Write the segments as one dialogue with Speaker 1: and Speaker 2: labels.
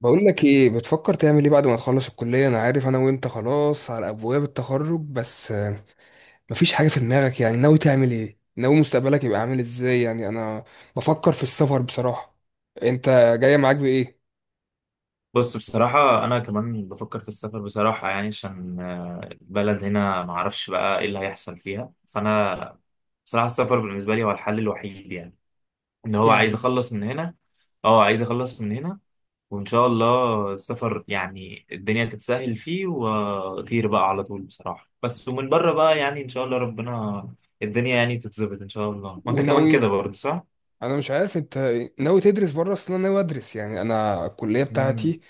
Speaker 1: بقول لك ايه بتفكر تعمل ايه بعد ما تخلص الكلية؟ انا عارف انا وانت خلاص على ابواب التخرج، بس مفيش حاجة في دماغك؟ يعني ناوي تعمل ايه؟ ناوي مستقبلك يبقى عامل ازاي؟ يعني انا بفكر في السفر بصراحة. انت جاية معاك بايه؟
Speaker 2: بص، بصراحة أنا كمان بفكر في السفر بصراحة. يعني عشان البلد هنا معرفش بقى إيه اللي هيحصل فيها. فأنا بصراحة السفر بالنسبة لي هو الحل الوحيد، يعني إن هو عايز
Speaker 1: يعني
Speaker 2: أخلص من هنا. أه، عايز أخلص من هنا. وإن شاء الله السفر يعني الدنيا تتسهل فيه وأطير بقى على طول بصراحة، بس ومن بره بقى يعني إن شاء الله ربنا الدنيا يعني تتظبط إن شاء الله. وأنت كمان
Speaker 1: وناوي،
Speaker 2: كده برضه صح؟
Speaker 1: انا مش عارف انت ناوي تدرس بره اصلا؟ انا ناوي ادرس، يعني انا الكلية
Speaker 2: امم.
Speaker 1: بتاعتي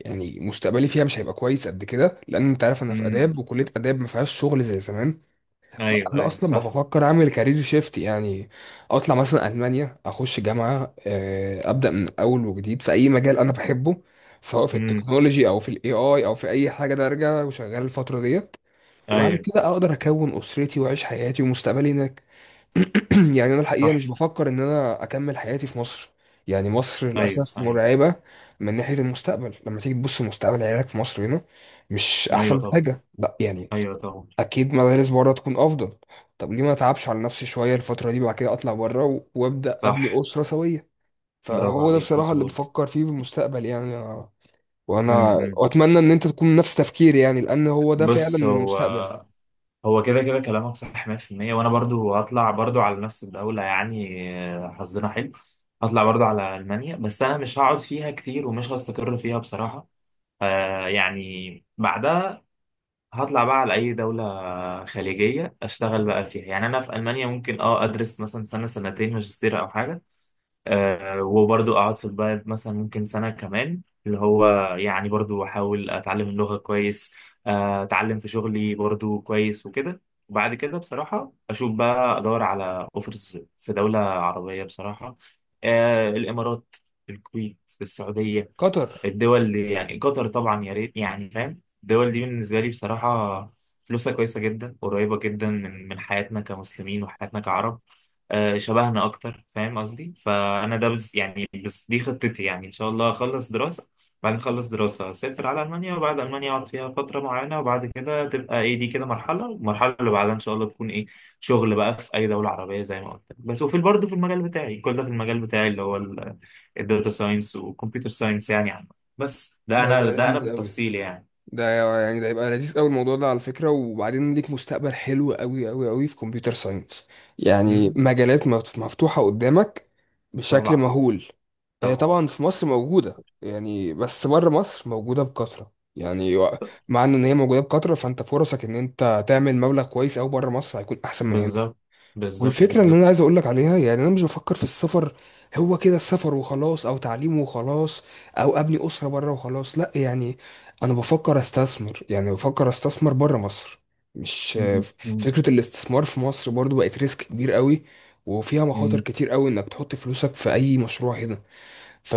Speaker 1: يعني مستقبلي فيها مش هيبقى كويس قد كده، لان انت عارف انا في
Speaker 2: امم.
Speaker 1: اداب، وكلية اداب ما فيهاش شغل زي زمان.
Speaker 2: أيوه
Speaker 1: فانا
Speaker 2: أيوه
Speaker 1: اصلا
Speaker 2: صح.
Speaker 1: بفكر اعمل كارير شيفت، يعني اطلع مثلا المانيا، اخش جامعه، ابدا من اول وجديد في اي مجال انا بحبه، سواء في
Speaker 2: امم.
Speaker 1: التكنولوجي او في الاي اي او في اي حاجه. ده ارجع وشغال الفتره ديت، وبعد
Speaker 2: أيوه.
Speaker 1: كده اقدر اكون اسرتي واعيش حياتي ومستقبلي هناك. يعني انا الحقيقه مش
Speaker 2: تحفة.
Speaker 1: بفكر ان انا اكمل حياتي في مصر. يعني مصر
Speaker 2: أيوه
Speaker 1: للاسف
Speaker 2: أيوه.
Speaker 1: مرعبه من ناحيه المستقبل. لما تيجي تبص مستقبل عيالك في مصر هنا، مش
Speaker 2: ايوه
Speaker 1: احسن
Speaker 2: طبعا.
Speaker 1: حاجه، لا يعني.
Speaker 2: ايوه طبعا
Speaker 1: اكيد مدارس بره تكون افضل. طب ليه ما اتعبش على نفسي شويه الفتره دي، بعد كده اطلع بره وابدا ابني
Speaker 2: صح.
Speaker 1: اسره سويه؟
Speaker 2: برافو
Speaker 1: فهو ده
Speaker 2: عليك.
Speaker 1: بصراحه اللي
Speaker 2: مظبوط.
Speaker 1: بفكر فيه في المستقبل. وانا
Speaker 2: امم.
Speaker 1: واتمنى ان انت تكون نفس تفكيري، يعني لان هو ده فعلا
Speaker 2: بص،
Speaker 1: من
Speaker 2: هو
Speaker 1: المستقبل.
Speaker 2: هو كده كده كلامك صح 100%. وانا برضو هطلع برضو على نفس الدولة يعني. حظنا حلو. هطلع برضو على المانيا، بس انا مش هقعد فيها كتير ومش هستقر فيها بصراحة. يعني بعدها هطلع بقى على اي دولة خليجية، اشتغل بقى فيها. يعني انا في المانيا ممكن ادرس مثلا سنة سنتين ماجستير او حاجة. وبرضو أقعد في البلد مثلا ممكن سنة كمان، اللي هو يعني برضو أحاول أتعلم اللغة كويس. أتعلم في شغلي برضو كويس وكده. وبعد كده بصراحة أشوف بقى أدور على أوفرز في دولة عربية بصراحة. الإمارات، الكويت، السعودية،
Speaker 1: قطر.
Speaker 2: الدول دي يعني. قطر طبعا يا ريت يعني، فاهم. الدول دي بالنسبة لي بصراحة فلوسها كويسة جدا، قريبة جدا من حياتنا كمسلمين وحياتنا كعرب. شبهنا أكتر، فاهم قصدي. فأنا ده بز دي خطتي يعني. إن شاء الله أخلص دراسة، بعد ما أخلص دراسة أسافر على ألمانيا. وبعد ألمانيا أقعد فيها فترة معينة. وبعد كده تبقى إيه، دي كده مرحلة. والمرحلة اللي بعدها إن شاء الله تكون إيه، شغل بقى في أي دولة عربية زي ما قلت لك. بس وفي برضه في المجال بتاعي، كل ده في المجال بتاعي اللي هو الداتا ساينس وكمبيوتر ساينس يعني. بس ده
Speaker 1: ده
Speaker 2: انا
Speaker 1: هيبقى
Speaker 2: ده انا
Speaker 1: لذيذ قوي.
Speaker 2: بالتفصيل يعني.
Speaker 1: ده يعني ده يبقى لذيذ قوي الموضوع ده على فكرة. وبعدين ليك مستقبل حلو قوي قوي قوي في كمبيوتر ساينس. يعني
Speaker 2: مم.
Speaker 1: مجالات مفتوحة قدامك بشكل
Speaker 2: طبعا.
Speaker 1: مهول.
Speaker 2: طبعا.
Speaker 1: طبعا في مصر موجودة يعني، بس بره مصر موجودة بكثرة يعني مع ان إن هي موجودة بكثرة، فانت فرصك ان انت تعمل مبلغ كويس قوي بره مصر هيكون احسن من هنا.
Speaker 2: بالظبط بالظبط
Speaker 1: والفكرة اللي
Speaker 2: بالظبط.
Speaker 1: أنا عايز أقولك عليها، يعني أنا مش بفكر في السفر هو كده السفر وخلاص، أو تعليم وخلاص، أو أبني أسرة بره وخلاص، لأ يعني. أنا بفكر أستثمر، يعني بفكر أستثمر بره مصر. مش
Speaker 2: مم. مم.
Speaker 1: فكرة الاستثمار في مصر برضو بقت ريسك كبير قوي، وفيها مخاطر
Speaker 2: مم.
Speaker 1: كتير قوي إنك تحط فلوسك في أي مشروع هنا.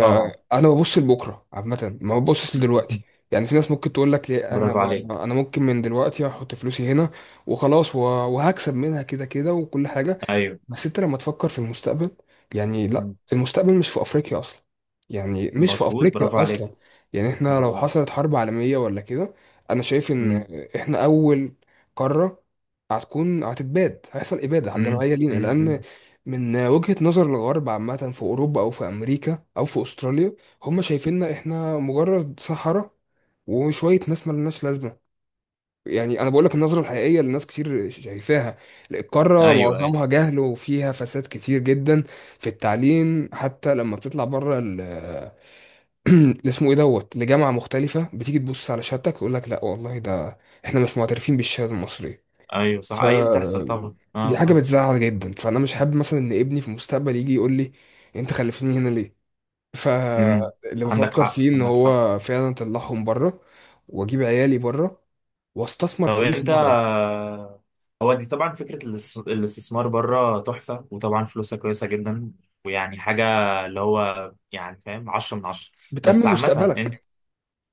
Speaker 2: طبعا.
Speaker 1: ببص لبكرة عامة، ما ببصش لدلوقتي. يعني في ناس ممكن تقول لك ليه؟
Speaker 2: برافو عليك.
Speaker 1: انا ممكن من دلوقتي احط فلوسي هنا وخلاص، وهكسب منها كده كده وكل حاجه.
Speaker 2: ايوه.
Speaker 1: بس انت لما تفكر في المستقبل، يعني لا،
Speaker 2: مم.
Speaker 1: المستقبل مش في افريقيا اصلا. يعني مش في
Speaker 2: مظبوط. برافو
Speaker 1: افريقيا
Speaker 2: عليك.
Speaker 1: اصلا. يعني احنا
Speaker 2: برافو
Speaker 1: لو
Speaker 2: عليك.
Speaker 1: حصلت حرب عالمية ولا كده، انا شايف ان
Speaker 2: مم.
Speaker 1: احنا اول قارة هتكون هتتباد هيحصل ابادة
Speaker 2: مم.
Speaker 1: جماعية لينا،
Speaker 2: مم.
Speaker 1: لان
Speaker 2: مم.
Speaker 1: من وجهة نظر الغرب عامة في اوروبا او في امريكا او في استراليا، هم شايفيننا احنا مجرد صحراء وشوية ناس ملناش لازمة. يعني انا بقول لك النظره الحقيقيه اللي ناس كتير شايفاها. القاره
Speaker 2: ايوه ايوه
Speaker 1: معظمها جهل وفيها فساد كتير جدا في التعليم. حتى لما بتطلع بره اللي اسمه ايه دوت لجامعه مختلفه، بتيجي تبص على شهادتك تقول لك لا والله، ده احنا مش معترفين بالشهاده المصريه.
Speaker 2: ايوه صح.
Speaker 1: ف
Speaker 2: ايوه بتحصل طبعا، اه.
Speaker 1: دي حاجه
Speaker 2: اه.
Speaker 1: بتزعل جدا. فانا مش حابب مثلا ان ابني في المستقبل يجي يقول لي انت خلفتني هنا ليه؟
Speaker 2: مم.
Speaker 1: فاللي
Speaker 2: عندك
Speaker 1: بفكر
Speaker 2: حق
Speaker 1: فيه ان
Speaker 2: عندك حق.
Speaker 1: هو فعلا اطلعهم بره، واجيب عيالي بره، واستثمر
Speaker 2: طب
Speaker 1: فلوسي
Speaker 2: انت
Speaker 1: بره.
Speaker 2: هو دي طبعا فكرة الاستثمار بره تحفة، وطبعا فلوسها كويسة جدا. ويعني حاجة اللي هو يعني فاهم، عشرة من عشرة. بس
Speaker 1: بتأمن
Speaker 2: عامة انت
Speaker 1: مستقبلك.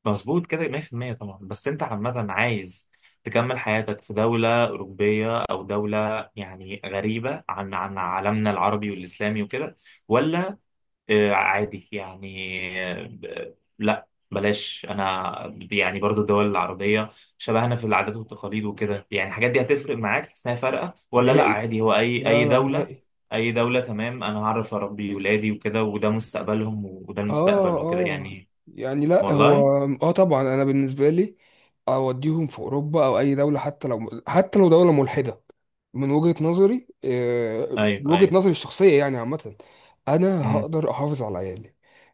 Speaker 2: مظبوط كده 100% طبعا. بس انت عامة عايز تكمل حياتك في دولة أوروبية أو دولة يعني غريبة عن عالمنا العربي والإسلامي وكده، ولا عادي يعني؟ لا بلاش، انا يعني برضو الدول العربيه شبهنا في العادات والتقاليد وكده. يعني الحاجات دي هتفرق معاك، تحس انها فارقه ولا لا
Speaker 1: نهائي.
Speaker 2: عادي هو اي
Speaker 1: لا
Speaker 2: اي
Speaker 1: لا،
Speaker 2: دوله،
Speaker 1: نهائي.
Speaker 2: اي دوله تمام. انا هعرف اربي ولادي وكده، وده مستقبلهم وده المستقبل
Speaker 1: اه
Speaker 2: وكده
Speaker 1: اه.
Speaker 2: يعني.
Speaker 1: يعني لا، هو
Speaker 2: والله.
Speaker 1: اه طبعا. انا بالنسبه لي اوديهم في اوروبا او اي دوله، حتى لو حتى لو دوله ملحده. من وجهه نظري،
Speaker 2: ايوه
Speaker 1: من وجهه
Speaker 2: ايوه.
Speaker 1: نظري الشخصيه يعني عامه، انا
Speaker 2: امم.
Speaker 1: هقدر احافظ على عيالي.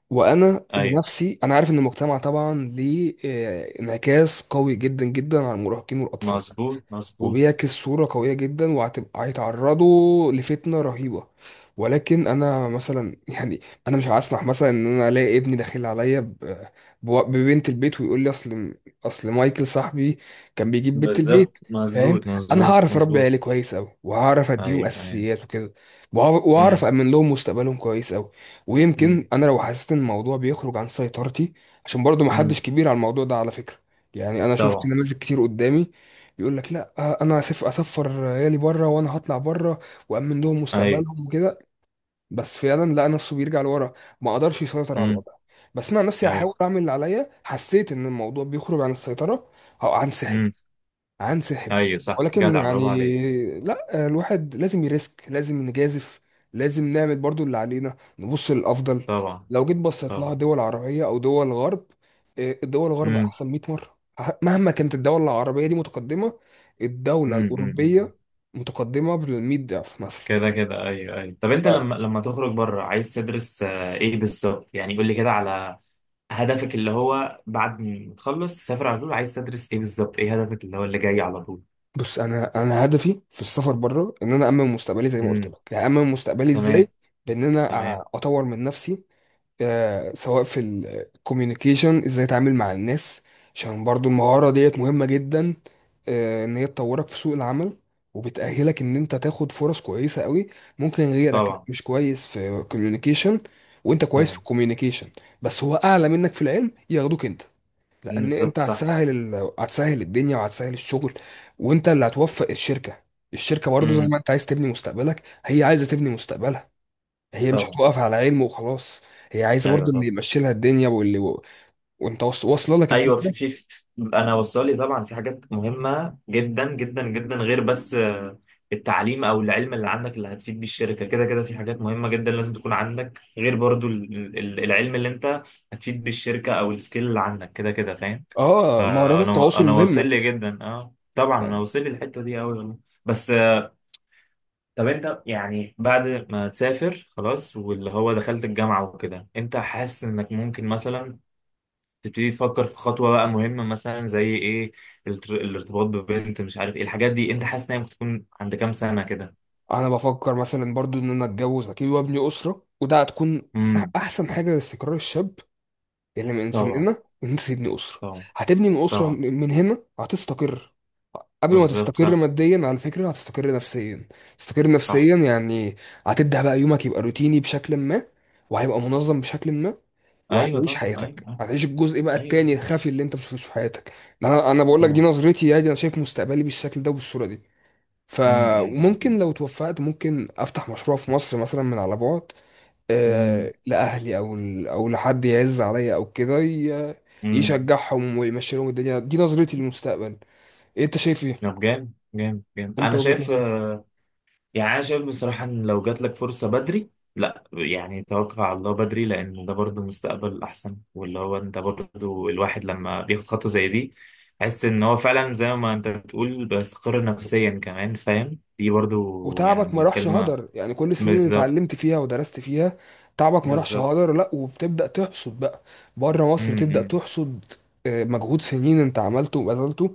Speaker 1: وانا
Speaker 2: ايوه.
Speaker 1: بنفسي انا عارف ان المجتمع طبعا ليه انعكاس قوي جدا جدا على المراهقين والاطفال،
Speaker 2: مظبوط مظبوط.
Speaker 1: وبيعكس صورة قوية جدا، وهتبقى هيتعرضوا لفتنة رهيبة. ولكن انا مثلا يعني انا مش هسمح مثلا ان انا الاقي ابني داخل عليا ببنت البيت، ويقول لي اصل، مايكل صاحبي كان بيجيب بنت
Speaker 2: بالظبط.
Speaker 1: البيت. فاهم؟
Speaker 2: مظبوط
Speaker 1: انا
Speaker 2: مظبوط
Speaker 1: هعرف اربي
Speaker 2: مظبوط.
Speaker 1: عيالي كويس قوي، وهعرف اديهم
Speaker 2: ايوه ايوه.
Speaker 1: اساسيات وكده، وهعرف
Speaker 2: امم.
Speaker 1: امن لهم مستقبلهم كويس قوي. ويمكن
Speaker 2: امم.
Speaker 1: انا لو حسيت ان الموضوع بيخرج عن سيطرتي، عشان برضو
Speaker 2: امم.
Speaker 1: محدش كبير على الموضوع ده على فكرة. يعني انا شفت
Speaker 2: طبعا.
Speaker 1: نماذج كتير قدامي يقول لك لا، انا اسفر عيالي بره وانا هطلع بره وامن لهم
Speaker 2: ايوه.
Speaker 1: مستقبلهم وكده، بس فعلا لقى نفسه بيرجع لورا، ما قدرش يسيطر على
Speaker 2: امم.
Speaker 1: الوضع. بس انا عن نفسي
Speaker 2: ايوه
Speaker 1: هحاول اعمل اللي عليا، حسيت ان الموضوع بيخرج عن السيطره، هنسحب. هنسحب.
Speaker 2: ايوه صح
Speaker 1: ولكن
Speaker 2: جدع
Speaker 1: يعني
Speaker 2: برافو عليك.
Speaker 1: لا، الواحد لازم يريسك، لازم نجازف، لازم نعمل برضو اللي علينا، نبص للأفضل.
Speaker 2: طبعا.
Speaker 1: لو جيت بصيت لها
Speaker 2: طبعا.
Speaker 1: دول عربية أو دول غرب، الدول الغرب
Speaker 2: امم.
Speaker 1: أحسن 100 مرة، مهما كانت الدولة العربية دي متقدمة. الدولة
Speaker 2: امم. أمم. امم.
Speaker 1: الأوروبية متقدمة بال 100 ضعف مثلا.
Speaker 2: كده كده ايوه ايوه. طب انت
Speaker 1: ف-
Speaker 2: لما تخرج بره عايز تدرس ايه بالظبط؟ يعني قول لي كده على هدفك، اللي هو بعد ما تخلص تسافر على طول. عايز تدرس ايه بالظبط، ايه هدفك اللي هو اللي جاي على طول؟
Speaker 1: بص، أنا هدفي في السفر بره إن أنا أأمن مستقبلي زي ما قلت
Speaker 2: امم.
Speaker 1: لك، يعني أأمن مستقبلي
Speaker 2: تمام.
Speaker 1: إزاي؟
Speaker 2: تمام.
Speaker 1: أطور من نفسي. سواء في الكوميونيكيشن، ازاي اتعامل مع الناس، عشان برضو المهارة ديت مهمة جدا، ان هي تطورك في سوق العمل وبتأهلك ان انت تاخد فرص كويسة قوي. ممكن غيرك
Speaker 2: طبعا.
Speaker 1: مش كويس في كوميونيكيشن وانت كويس في
Speaker 2: طبعا.
Speaker 1: الكوميونيكيشن، بس هو اعلى منك في العلم، ياخدوك انت، لان انت
Speaker 2: بالظبط صح.
Speaker 1: هتسهل هتسهل الدنيا وهتسهل الشغل. وانت اللي هتوفق الشركة. الشركة برضو زي
Speaker 2: امم.
Speaker 1: ما انت عايز تبني مستقبلك، هي عايزة تبني مستقبلها. هي مش
Speaker 2: طبعا.
Speaker 1: هتقف على علم وخلاص، هي عايزه
Speaker 2: ايوه.
Speaker 1: برضه اللي
Speaker 2: طبعا.
Speaker 1: يمشي لها الدنيا وانت واصله لك
Speaker 2: ايوه في
Speaker 1: الفكره.
Speaker 2: في, في انا وصلي، طبعا في حاجات مهمه جدا جدا جدا غير بس التعليم او العلم اللي عندك اللي هتفيد بيه الشركه كده كده. في حاجات مهمه جدا لازم تكون عندك غير برضو العلم اللي انت هتفيد بيه الشركه او السكيل اللي عندك كده كده، فاهم.
Speaker 1: اه مهارات
Speaker 2: فانا
Speaker 1: التواصل
Speaker 2: انا واصل
Speaker 1: مهمه.
Speaker 2: لي جدا، اه طبعا انا
Speaker 1: يعني
Speaker 2: واصل لي الحته دي قوي والله. بس طب انت يعني بعد ما تسافر خلاص، واللي هو دخلت الجامعه وكده، انت حاسس انك ممكن مثلا تبتدي تفكر في خطوة بقى مهمة مثلا زي ايه؟ الارتباط ببنت، مش عارف ايه الحاجات دي. انت حاسس ان هي ممكن تكون عند كام سنة كده؟
Speaker 1: انا بفكر مثلا برضه ان انا اتجوز اكيد وابني اسره، وده هتكون
Speaker 2: امم.
Speaker 1: احسن حاجه لاستقرار الشاب اللي من
Speaker 2: طبعا.
Speaker 1: سننا ان انت تبني اسره.
Speaker 2: طبعا.
Speaker 1: هتبني من اسره
Speaker 2: طبعا.
Speaker 1: من هنا هتستقر. قبل ما
Speaker 2: بالظبط
Speaker 1: تستقر
Speaker 2: صح.
Speaker 1: ماديا على فكرة هتستقر نفسيا. تستقر
Speaker 2: صح.
Speaker 1: نفسيا يعني هتبدأ بقى يومك يبقى روتيني بشكل ما، وهيبقى منظم بشكل ما،
Speaker 2: ايوه
Speaker 1: وهتعيش
Speaker 2: طبعا. ايوه.
Speaker 1: حياتك، هتعيش الجزء بقى
Speaker 2: ايوه. أيوة،
Speaker 1: التاني
Speaker 2: طبعا.
Speaker 1: الخفي اللي انت مش شفتوش في حياتك. انا بقول لك دي
Speaker 2: طبعا.
Speaker 1: نظرتي، يعني انا شايف مستقبلي بالشكل ده وبالصورة دي. ف
Speaker 2: امم. امم.
Speaker 1: وممكن
Speaker 2: امم.
Speaker 1: لو توفقت ممكن افتح مشروع في مصر مثلا من على بعد،
Speaker 2: امم.
Speaker 1: لاهلي او لحد يعز عليا او كده
Speaker 2: أمم.
Speaker 1: يشجعهم ويمشي لهم الدنيا. دي نظرتي للمستقبل. انت شايف ايه؟
Speaker 2: طب جامد جامد جامد.
Speaker 1: انت
Speaker 2: انا
Speaker 1: وجهة
Speaker 2: شايف
Speaker 1: نظرك؟
Speaker 2: يعني انا شايف بصراحه ان لو جات لك فرصه بدري، لا يعني توقع على الله بدري. لان ده برضه مستقبل احسن، واللي هو انت برضه الواحد لما بياخد خطوه زي دي، حس ان هو فعلا زي ما انت بتقول بيستقر نفسيا كمان فاهم. دي برضه
Speaker 1: وتعبك ما
Speaker 2: يعني
Speaker 1: راحش
Speaker 2: كلمه.
Speaker 1: هدر، يعني كل السنين اللي
Speaker 2: بالظبط.
Speaker 1: اتعلمت فيها ودرست فيها، تعبك ما راحش
Speaker 2: بالظبط.
Speaker 1: هدر، لا وبتبدأ تحصد بقى. بره مصر تبدأ
Speaker 2: امم.
Speaker 1: تحصد، مجهود سنين انت عملته وبذلته،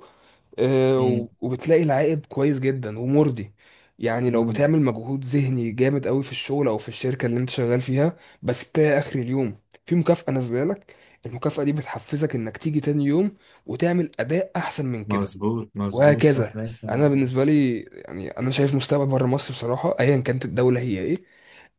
Speaker 2: امم.
Speaker 1: وبتلاقي العائد كويس جدا ومرضي. يعني لو
Speaker 2: امم.
Speaker 1: بتعمل مجهود ذهني جامد قوي في الشغل او في الشركة اللي انت شغال فيها، بس بتلاقي اخر اليوم في مكافأة نازله لك. المكافأة دي بتحفزك انك تيجي تاني يوم وتعمل اداء احسن من كده.
Speaker 2: مظبوط مظبوط صح،
Speaker 1: وهكذا.
Speaker 2: لا فعلا.
Speaker 1: انا بالنسبه لي يعني انا شايف مستقبل بره مصر بصراحه، ايا كانت الدوله هي ايه.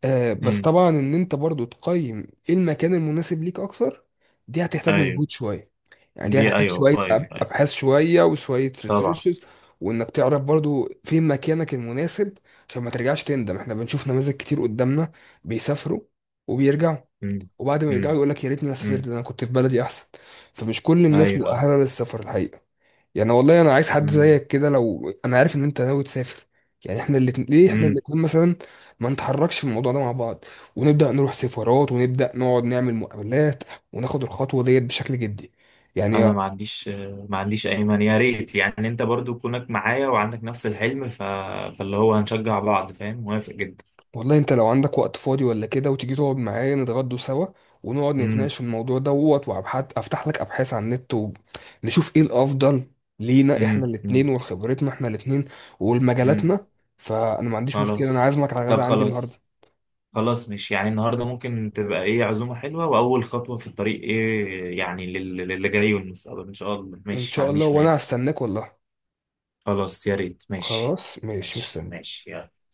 Speaker 1: بس
Speaker 2: امم.
Speaker 1: طبعا ان انت برضو تقيم ايه المكان المناسب ليك اكتر، دي هتحتاج
Speaker 2: ايوه.
Speaker 1: مجهود شويه، يعني دي
Speaker 2: دي
Speaker 1: هتحتاج
Speaker 2: ايوه.
Speaker 1: شويه
Speaker 2: ايوه ايوه.
Speaker 1: ابحاث شويه وشويه
Speaker 2: طبعا.
Speaker 1: ريسيرشز، وانك تعرف برضو فين مكانك المناسب، عشان ما ترجعش تندم. احنا بنشوف نماذج كتير قدامنا بيسافروا وبيرجعوا،
Speaker 2: امم.
Speaker 1: وبعد ما يرجعوا
Speaker 2: امم.
Speaker 1: يقول لك يا ريتني ما
Speaker 2: امم.
Speaker 1: سافرت، ده انا كنت في بلدي احسن. فمش كل
Speaker 2: ايوه
Speaker 1: الناس
Speaker 2: ايوه.
Speaker 1: مؤهله للسفر الحقيقه. يعني والله انا عايز حد زيك كده، لو انا عارف ان انت ناوي تسافر. يعني احنا الاتنين، ليه احنا
Speaker 2: امم.
Speaker 1: الاتنين مثلا ما نتحركش في الموضوع ده مع بعض؟ ونبدا نروح سفارات، ونبدا نقعد نعمل مقابلات، وناخد الخطوه ديت بشكل جدي، يعني.
Speaker 2: انا ما عنديش اي مانع، يا ريت. يعني انت برضو كونك معايا وعندك نفس الحلم، فاللي هو هنشجع بعض، فاهم. موافق جدا.
Speaker 1: والله انت لو عندك وقت فاضي ولا كده، وتيجي تقعد معايا نتغدوا سوا، ونقعد
Speaker 2: امم.
Speaker 1: نتناقش في الموضوع دوت، وابحث افتح لك ابحاث على النت، ونشوف ايه الافضل لينا احنا
Speaker 2: امم. امم.
Speaker 1: الاتنين وخبرتنا احنا الاتنين
Speaker 2: امم.
Speaker 1: والمجالاتنا. فانا ما عنديش مشكله، انا
Speaker 2: خلاص.
Speaker 1: عازمك على
Speaker 2: طب
Speaker 1: غدا عندي النهارده.
Speaker 2: خلاص. خلاص. مش يعني النهارده ممكن تبقى ايه عزومه حلوه، واول خطوه في الطريق، ايه يعني للي جاي والمستقبل ان شاء الله
Speaker 1: ان
Speaker 2: ماشي. ما
Speaker 1: شاء الله
Speaker 2: عنديش مانع.
Speaker 1: وانا هستناك والله.
Speaker 2: خلاص، يا ريت، ماشي.
Speaker 1: خلاص ماشي
Speaker 2: ماشي
Speaker 1: مستني.
Speaker 2: ماشي، يلا.